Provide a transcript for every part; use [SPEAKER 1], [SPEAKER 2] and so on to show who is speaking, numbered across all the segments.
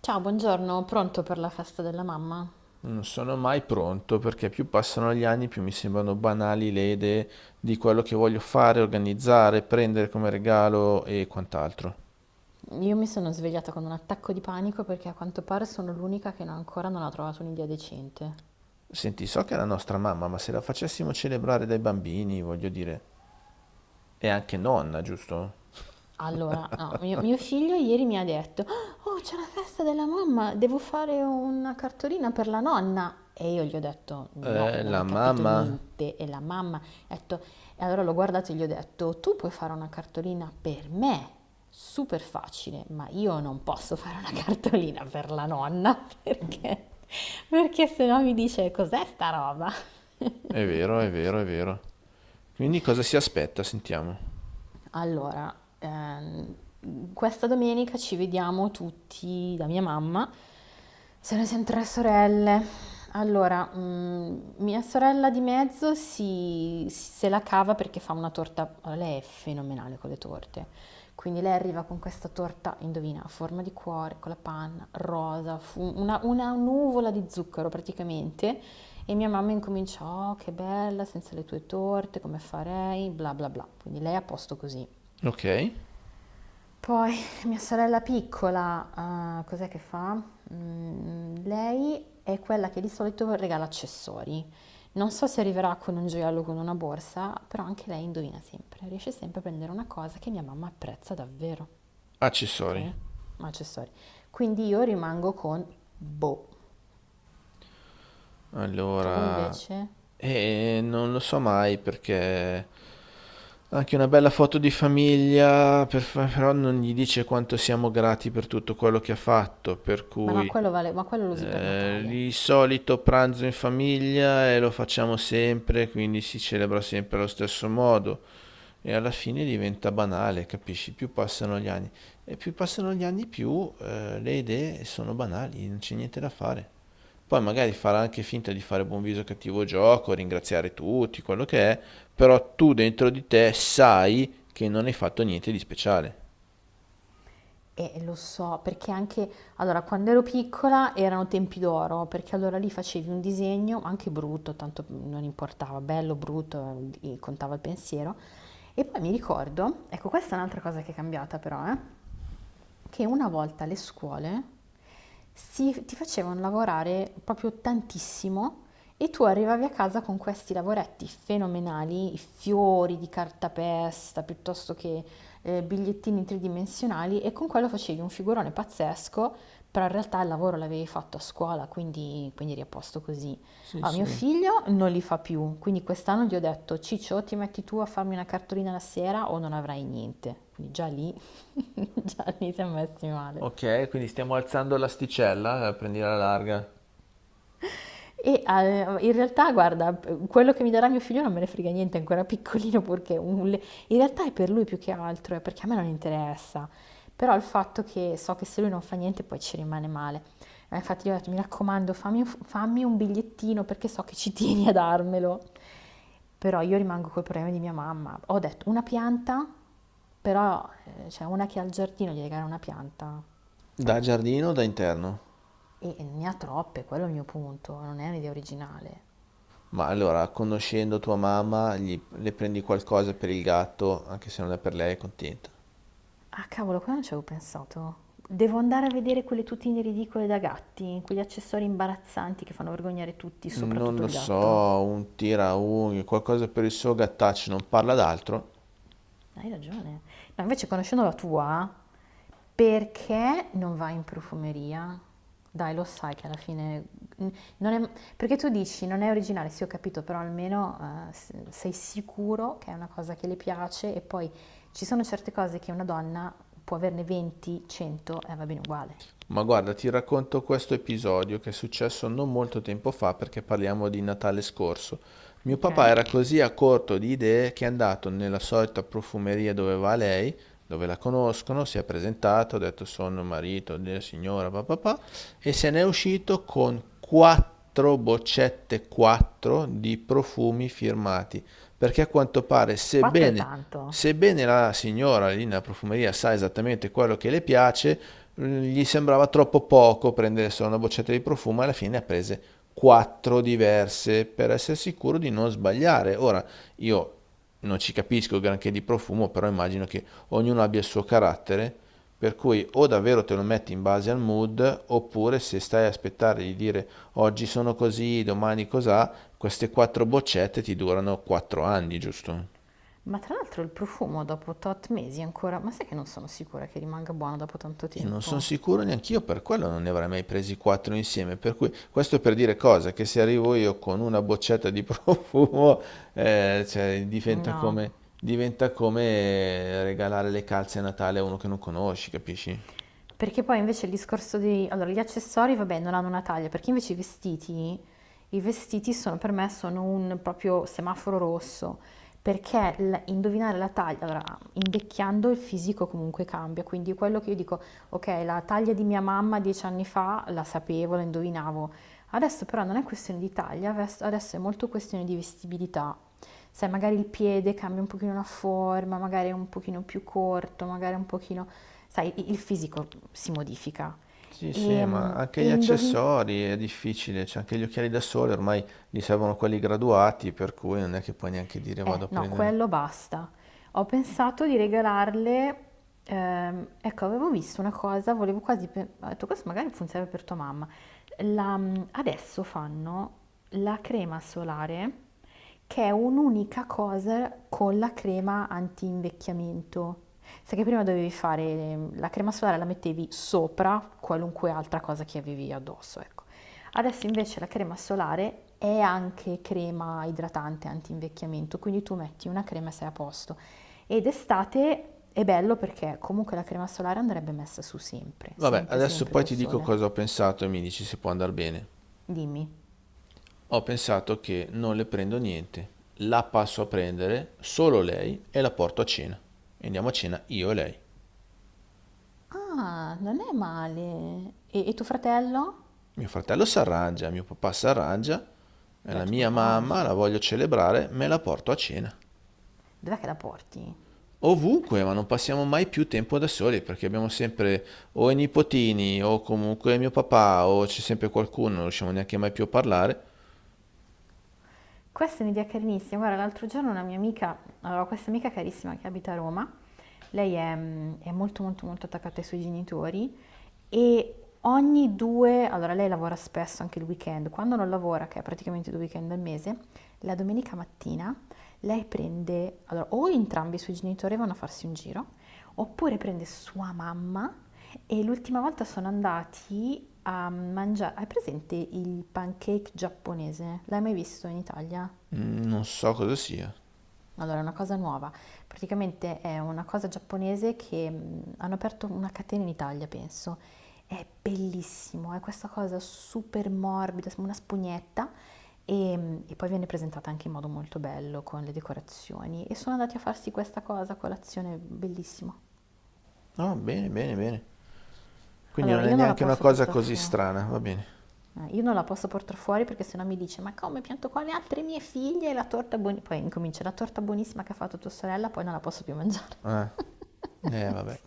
[SPEAKER 1] Ciao, buongiorno, pronto per la festa della mamma?
[SPEAKER 2] Non sono mai pronto perché più passano gli anni, più mi sembrano banali le idee di quello che voglio fare, organizzare, prendere come regalo e quant'altro.
[SPEAKER 1] Io mi sono svegliata con un attacco di panico perché a quanto pare sono l'unica che ancora non ha trovato un'idea decente.
[SPEAKER 2] Senti, so che è la nostra mamma, ma se la facessimo celebrare dai bambini, voglio dire, è anche nonna, giusto?
[SPEAKER 1] Allora, no, mio figlio ieri mi ha detto, oh, c'è la festa della mamma, devo fare una cartolina per la nonna. E io gli ho detto, no, non
[SPEAKER 2] La
[SPEAKER 1] hai capito
[SPEAKER 2] mamma.
[SPEAKER 1] niente. E la mamma ha detto, e allora l'ho guardato e gli ho detto, tu puoi fare una cartolina per me, super facile, ma io non posso fare una cartolina per la nonna, perché se no mi dice, cos'è sta roba?
[SPEAKER 2] È vero, è vero, è vero. Quindi cosa si aspetta? Sentiamo.
[SPEAKER 1] Allora, ehm, questa domenica ci vediamo tutti da mia mamma, se ne sono tre sorelle. Allora, mia sorella di mezzo se la cava perché fa una torta, allora, lei è fenomenale con le torte, quindi lei arriva con questa torta, indovina, a forma di cuore, con la panna, rosa, una nuvola di zucchero praticamente, e mia mamma incomincia, oh che bella, senza le tue torte, come farei, bla bla bla, quindi lei è a posto così.
[SPEAKER 2] Ok.
[SPEAKER 1] Poi mia sorella piccola, cos'è che fa? Lei è quella che di solito regala accessori. Non so se arriverà con un gioiello o con una borsa, però anche lei indovina sempre, riesce sempre a prendere una cosa che mia mamma apprezza davvero,
[SPEAKER 2] Accessori.
[SPEAKER 1] okay, ma accessori. Quindi io rimango con boh. Tu
[SPEAKER 2] Allora,
[SPEAKER 1] invece?
[SPEAKER 2] non lo so mai perché anche una bella foto di famiglia, però non gli dice quanto siamo grati per tutto quello che ha fatto, per
[SPEAKER 1] Ma
[SPEAKER 2] cui
[SPEAKER 1] no, quello vale ma quello lo usi per Natale.
[SPEAKER 2] il solito pranzo in famiglia e lo facciamo sempre, quindi si celebra sempre allo stesso modo e alla fine diventa banale, capisci? Più passano gli anni, più le idee sono banali, non c'è niente da fare. Poi magari farà anche finta di fare buon viso cattivo gioco, ringraziare tutti, quello che è, però tu dentro di te sai che non hai fatto niente di speciale.
[SPEAKER 1] Lo so, perché anche allora quando ero piccola erano tempi d'oro, perché allora lì facevi un disegno, anche brutto, tanto non importava, bello, brutto, contava il pensiero. E poi mi ricordo, ecco, questa è un'altra cosa che è cambiata però, eh, che una volta le scuole ti facevano lavorare proprio tantissimo e tu arrivavi a casa con questi lavoretti fenomenali, i fiori di cartapesta piuttosto che bigliettini tridimensionali e con quello facevi un figurone pazzesco, però in realtà il lavoro l'avevi fatto a scuola, quindi eri a posto così.
[SPEAKER 2] Sì,
[SPEAKER 1] Ah, mio
[SPEAKER 2] sì.
[SPEAKER 1] figlio non li fa più, quindi quest'anno gli ho detto, Ciccio, ti metti tu a farmi una cartolina la sera o non avrai niente. Quindi già lì, già lì siamo messi male.
[SPEAKER 2] Ok, quindi stiamo alzando l'asticella, prendi la larga.
[SPEAKER 1] E in realtà, guarda, quello che mi darà mio figlio non me ne frega niente, è ancora piccolino, perché in realtà è per lui più che altro, è perché a me non interessa. Però il fatto che so che se lui non fa niente poi ci rimane male. Infatti gli ho detto, mi raccomando, fammi un bigliettino perché so che ci tieni a darmelo. Però io rimango col problema di mia mamma. Ho detto una pianta, però c'è cioè una che ha il giardino, gli regala una pianta.
[SPEAKER 2] Da giardino o da interno?
[SPEAKER 1] E ne ha troppe, quello è il mio punto, non è un'idea originale.
[SPEAKER 2] Ma allora, conoscendo tua mamma, le prendi qualcosa per il gatto, anche se non è per lei, è contenta.
[SPEAKER 1] Ah, cavolo, qua non ci avevo pensato. Devo andare a vedere quelle tutine ridicole da gatti, quegli accessori imbarazzanti che fanno vergognare tutti,
[SPEAKER 2] Non
[SPEAKER 1] soprattutto
[SPEAKER 2] lo
[SPEAKER 1] il
[SPEAKER 2] so,
[SPEAKER 1] gatto.
[SPEAKER 2] un tiraunghie, qualcosa per il suo gattaccio, non parla d'altro.
[SPEAKER 1] Hai ragione. No, invece conoscendo la tua, perché non vai in profumeria? Dai, lo sai che alla fine... mm, non è- perché tu dici non è originale, sì ho capito, però almeno sei sicuro che è una cosa che le piace e poi ci sono certe cose che una donna può averne 20, 100 e va bene uguale.
[SPEAKER 2] Ma guarda, ti racconto questo episodio che è successo non molto tempo fa perché parliamo di Natale scorso. Mio
[SPEAKER 1] Ok?
[SPEAKER 2] papà era così a corto di idee che è andato nella solita profumeria dove va lei, dove la conoscono, si è presentato, ha detto sono marito della signora papà e se n'è uscito con quattro boccette, quattro di profumi firmati, perché a quanto pare,
[SPEAKER 1] 4 è tanto.
[SPEAKER 2] sebbene la signora lì nella profumeria sa esattamente quello che le piace, gli sembrava troppo poco prendere solo una boccetta di profumo, alla fine ha prese quattro diverse per essere sicuro di non sbagliare. Ora, io non ci capisco granché di profumo, però immagino che ognuno abbia il suo carattere, per cui o davvero te lo metti in base al mood, oppure se stai a aspettare di dire oggi sono così, domani cos'ha, queste quattro boccette ti durano quattro anni, giusto?
[SPEAKER 1] Ma tra l'altro il profumo dopo tot mesi ancora, ma sai che non sono sicura che rimanga buono dopo tanto
[SPEAKER 2] E non sono
[SPEAKER 1] tempo?
[SPEAKER 2] sicuro neanch'io, per quello non ne avrei mai presi quattro insieme. Per cui, questo è per dire cosa? Che se arrivo io con una boccetta di profumo, cioè,
[SPEAKER 1] No,
[SPEAKER 2] diventa come regalare le calze a Natale a uno che non conosci, capisci?
[SPEAKER 1] Perché poi invece il discorso di... Allora, gli accessori, vabbè, non hanno una taglia, perché invece i vestiti sono per me sono un proprio semaforo rosso, perché indovinare la taglia, allora, invecchiando il fisico comunque cambia, quindi quello che io dico, ok, la taglia di mia mamma 10 anni fa la sapevo, la indovinavo, adesso però non è questione di taglia, adesso è molto questione di vestibilità, sai, magari il piede cambia un pochino la forma, magari è un pochino più corto, magari un pochino, sai, il fisico si modifica.
[SPEAKER 2] Sì,
[SPEAKER 1] E,
[SPEAKER 2] sì, ma anche gli
[SPEAKER 1] e indovin-
[SPEAKER 2] accessori è difficile, cioè anche gli occhiali da sole ormai gli servono quelli graduati, per cui non è che puoi neanche dire vado a
[SPEAKER 1] No,
[SPEAKER 2] prendere.
[SPEAKER 1] quello basta. Ho pensato di regalarle, ecco, avevo visto una cosa, volevo quasi, ho detto questo magari funziona per tua mamma. La- Adesso fanno la crema solare, che è un'unica cosa con la crema anti-invecchiamento. Sai che prima dovevi fare la crema solare, la mettevi sopra qualunque altra cosa che avevi addosso, ecco. Adesso invece la crema solare è anche crema idratante antinvecchiamento, quindi tu metti una crema e sei a posto. Ed estate è bello perché comunque la crema solare andrebbe messa su sempre,
[SPEAKER 2] Vabbè,
[SPEAKER 1] sempre,
[SPEAKER 2] adesso
[SPEAKER 1] sempre
[SPEAKER 2] poi
[SPEAKER 1] col
[SPEAKER 2] ti dico
[SPEAKER 1] sole.
[SPEAKER 2] cosa ho pensato e mi dici se può andare bene.
[SPEAKER 1] Dimmi.
[SPEAKER 2] Ho pensato che non le prendo niente, la passo a prendere solo lei e la porto a cena. E andiamo a cena io e lei.
[SPEAKER 1] Ah, non è male. E tuo fratello?
[SPEAKER 2] Mio fratello si arrangia, mio papà si arrangia, e
[SPEAKER 1] Beh,
[SPEAKER 2] la
[SPEAKER 1] tuo
[SPEAKER 2] mia
[SPEAKER 1] papà, non
[SPEAKER 2] mamma
[SPEAKER 1] so.
[SPEAKER 2] la voglio celebrare, me la porto a cena.
[SPEAKER 1] Dov'è che la porti?
[SPEAKER 2] Ovunque, ma non passiamo mai più tempo da soli perché abbiamo sempre o i nipotini o comunque mio papà o c'è sempre qualcuno, non riusciamo neanche mai più a parlare.
[SPEAKER 1] Questa è un'idea carinissima. Guarda, l'altro giorno una mia amica, allora, ho questa amica carissima che abita a Roma, lei è, è molto molto molto attaccata ai suoi genitori e ogni due, allora lei lavora spesso anche il weekend, quando non lavora, che è praticamente 2 weekend al mese, la domenica mattina lei prende, allora o entrambi i suoi genitori vanno a farsi un giro, oppure prende sua mamma e l'ultima volta sono andati a mangiare, hai presente il pancake giapponese? L'hai mai visto in Italia?
[SPEAKER 2] Mm, non so cosa sia.
[SPEAKER 1] Allora, è una cosa nuova. Praticamente è una cosa giapponese che hanno aperto una catena in Italia, penso. È bellissimo, è questa cosa super morbida, sembra una spugnetta e poi viene presentata anche in modo molto bello con le decorazioni. E sono andati a farsi questa cosa a colazione, bellissimo.
[SPEAKER 2] No, bene, bene, bene. Quindi
[SPEAKER 1] Allora,
[SPEAKER 2] non è
[SPEAKER 1] io non la
[SPEAKER 2] neanche una
[SPEAKER 1] posso
[SPEAKER 2] cosa
[SPEAKER 1] portare
[SPEAKER 2] così
[SPEAKER 1] fuori.
[SPEAKER 2] strana, va bene.
[SPEAKER 1] Io non la posso portare fuori perché sennò mi dice: ma come pianto qua le altre mie figlie e la torta buonissima? Poi incomincia la torta buonissima che ha fatto tua sorella, poi non la posso più mangiare.
[SPEAKER 2] Eh, vabbè.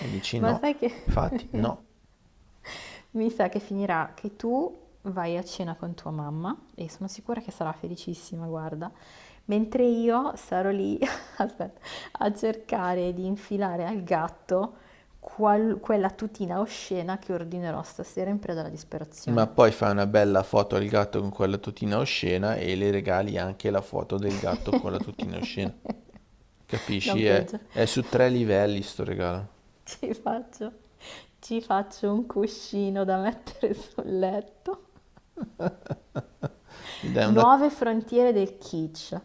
[SPEAKER 2] E dici
[SPEAKER 1] Ma
[SPEAKER 2] no,
[SPEAKER 1] sai
[SPEAKER 2] infatti
[SPEAKER 1] che
[SPEAKER 2] no.
[SPEAKER 1] mi sa che finirà che tu vai a cena con tua mamma e sono sicura che sarà felicissima, guarda, mentre io sarò lì, aspetta, a cercare di infilare al gatto quella tutina oscena che ordinerò stasera in preda alla
[SPEAKER 2] Ma
[SPEAKER 1] disperazione.
[SPEAKER 2] poi fai una bella foto al gatto con quella tutina oscena e le regali anche la foto del gatto con la tutina oscena.
[SPEAKER 1] No,
[SPEAKER 2] Capisci?
[SPEAKER 1] peggio,
[SPEAKER 2] È su tre livelli sto regalo.
[SPEAKER 1] ci faccio, ci faccio un cuscino da mettere sul letto.
[SPEAKER 2] Gli dai una...
[SPEAKER 1] Nuove frontiere del kitsch.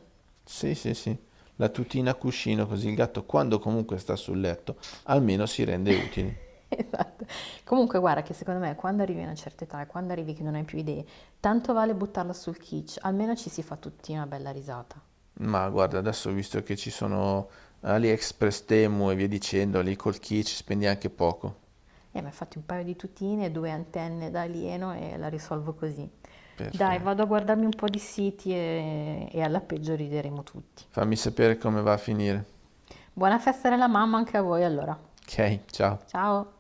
[SPEAKER 2] Sì, sì, sì. La tutina a cuscino così il gatto quando comunque sta sul letto almeno si rende utile.
[SPEAKER 1] Esatto. Comunque guarda che secondo me quando arrivi a una certa età e quando arrivi che non hai più idee, tanto vale buttarla sul kitsch, almeno ci si fa tutti una bella risata.
[SPEAKER 2] Ma guarda, adesso visto che ci sono AliExpress, Temu e via dicendo, lì col key ci spendi anche poco.
[SPEAKER 1] E mi ha fatto un paio di tutine, due antenne da alieno e la risolvo così. Dai, vado
[SPEAKER 2] Perfetto.
[SPEAKER 1] a guardarmi un po' di siti e alla peggio rideremo tutti.
[SPEAKER 2] Fammi sapere come va a finire.
[SPEAKER 1] Buona festa della mamma anche a voi allora.
[SPEAKER 2] Ok, ciao.
[SPEAKER 1] Ciao!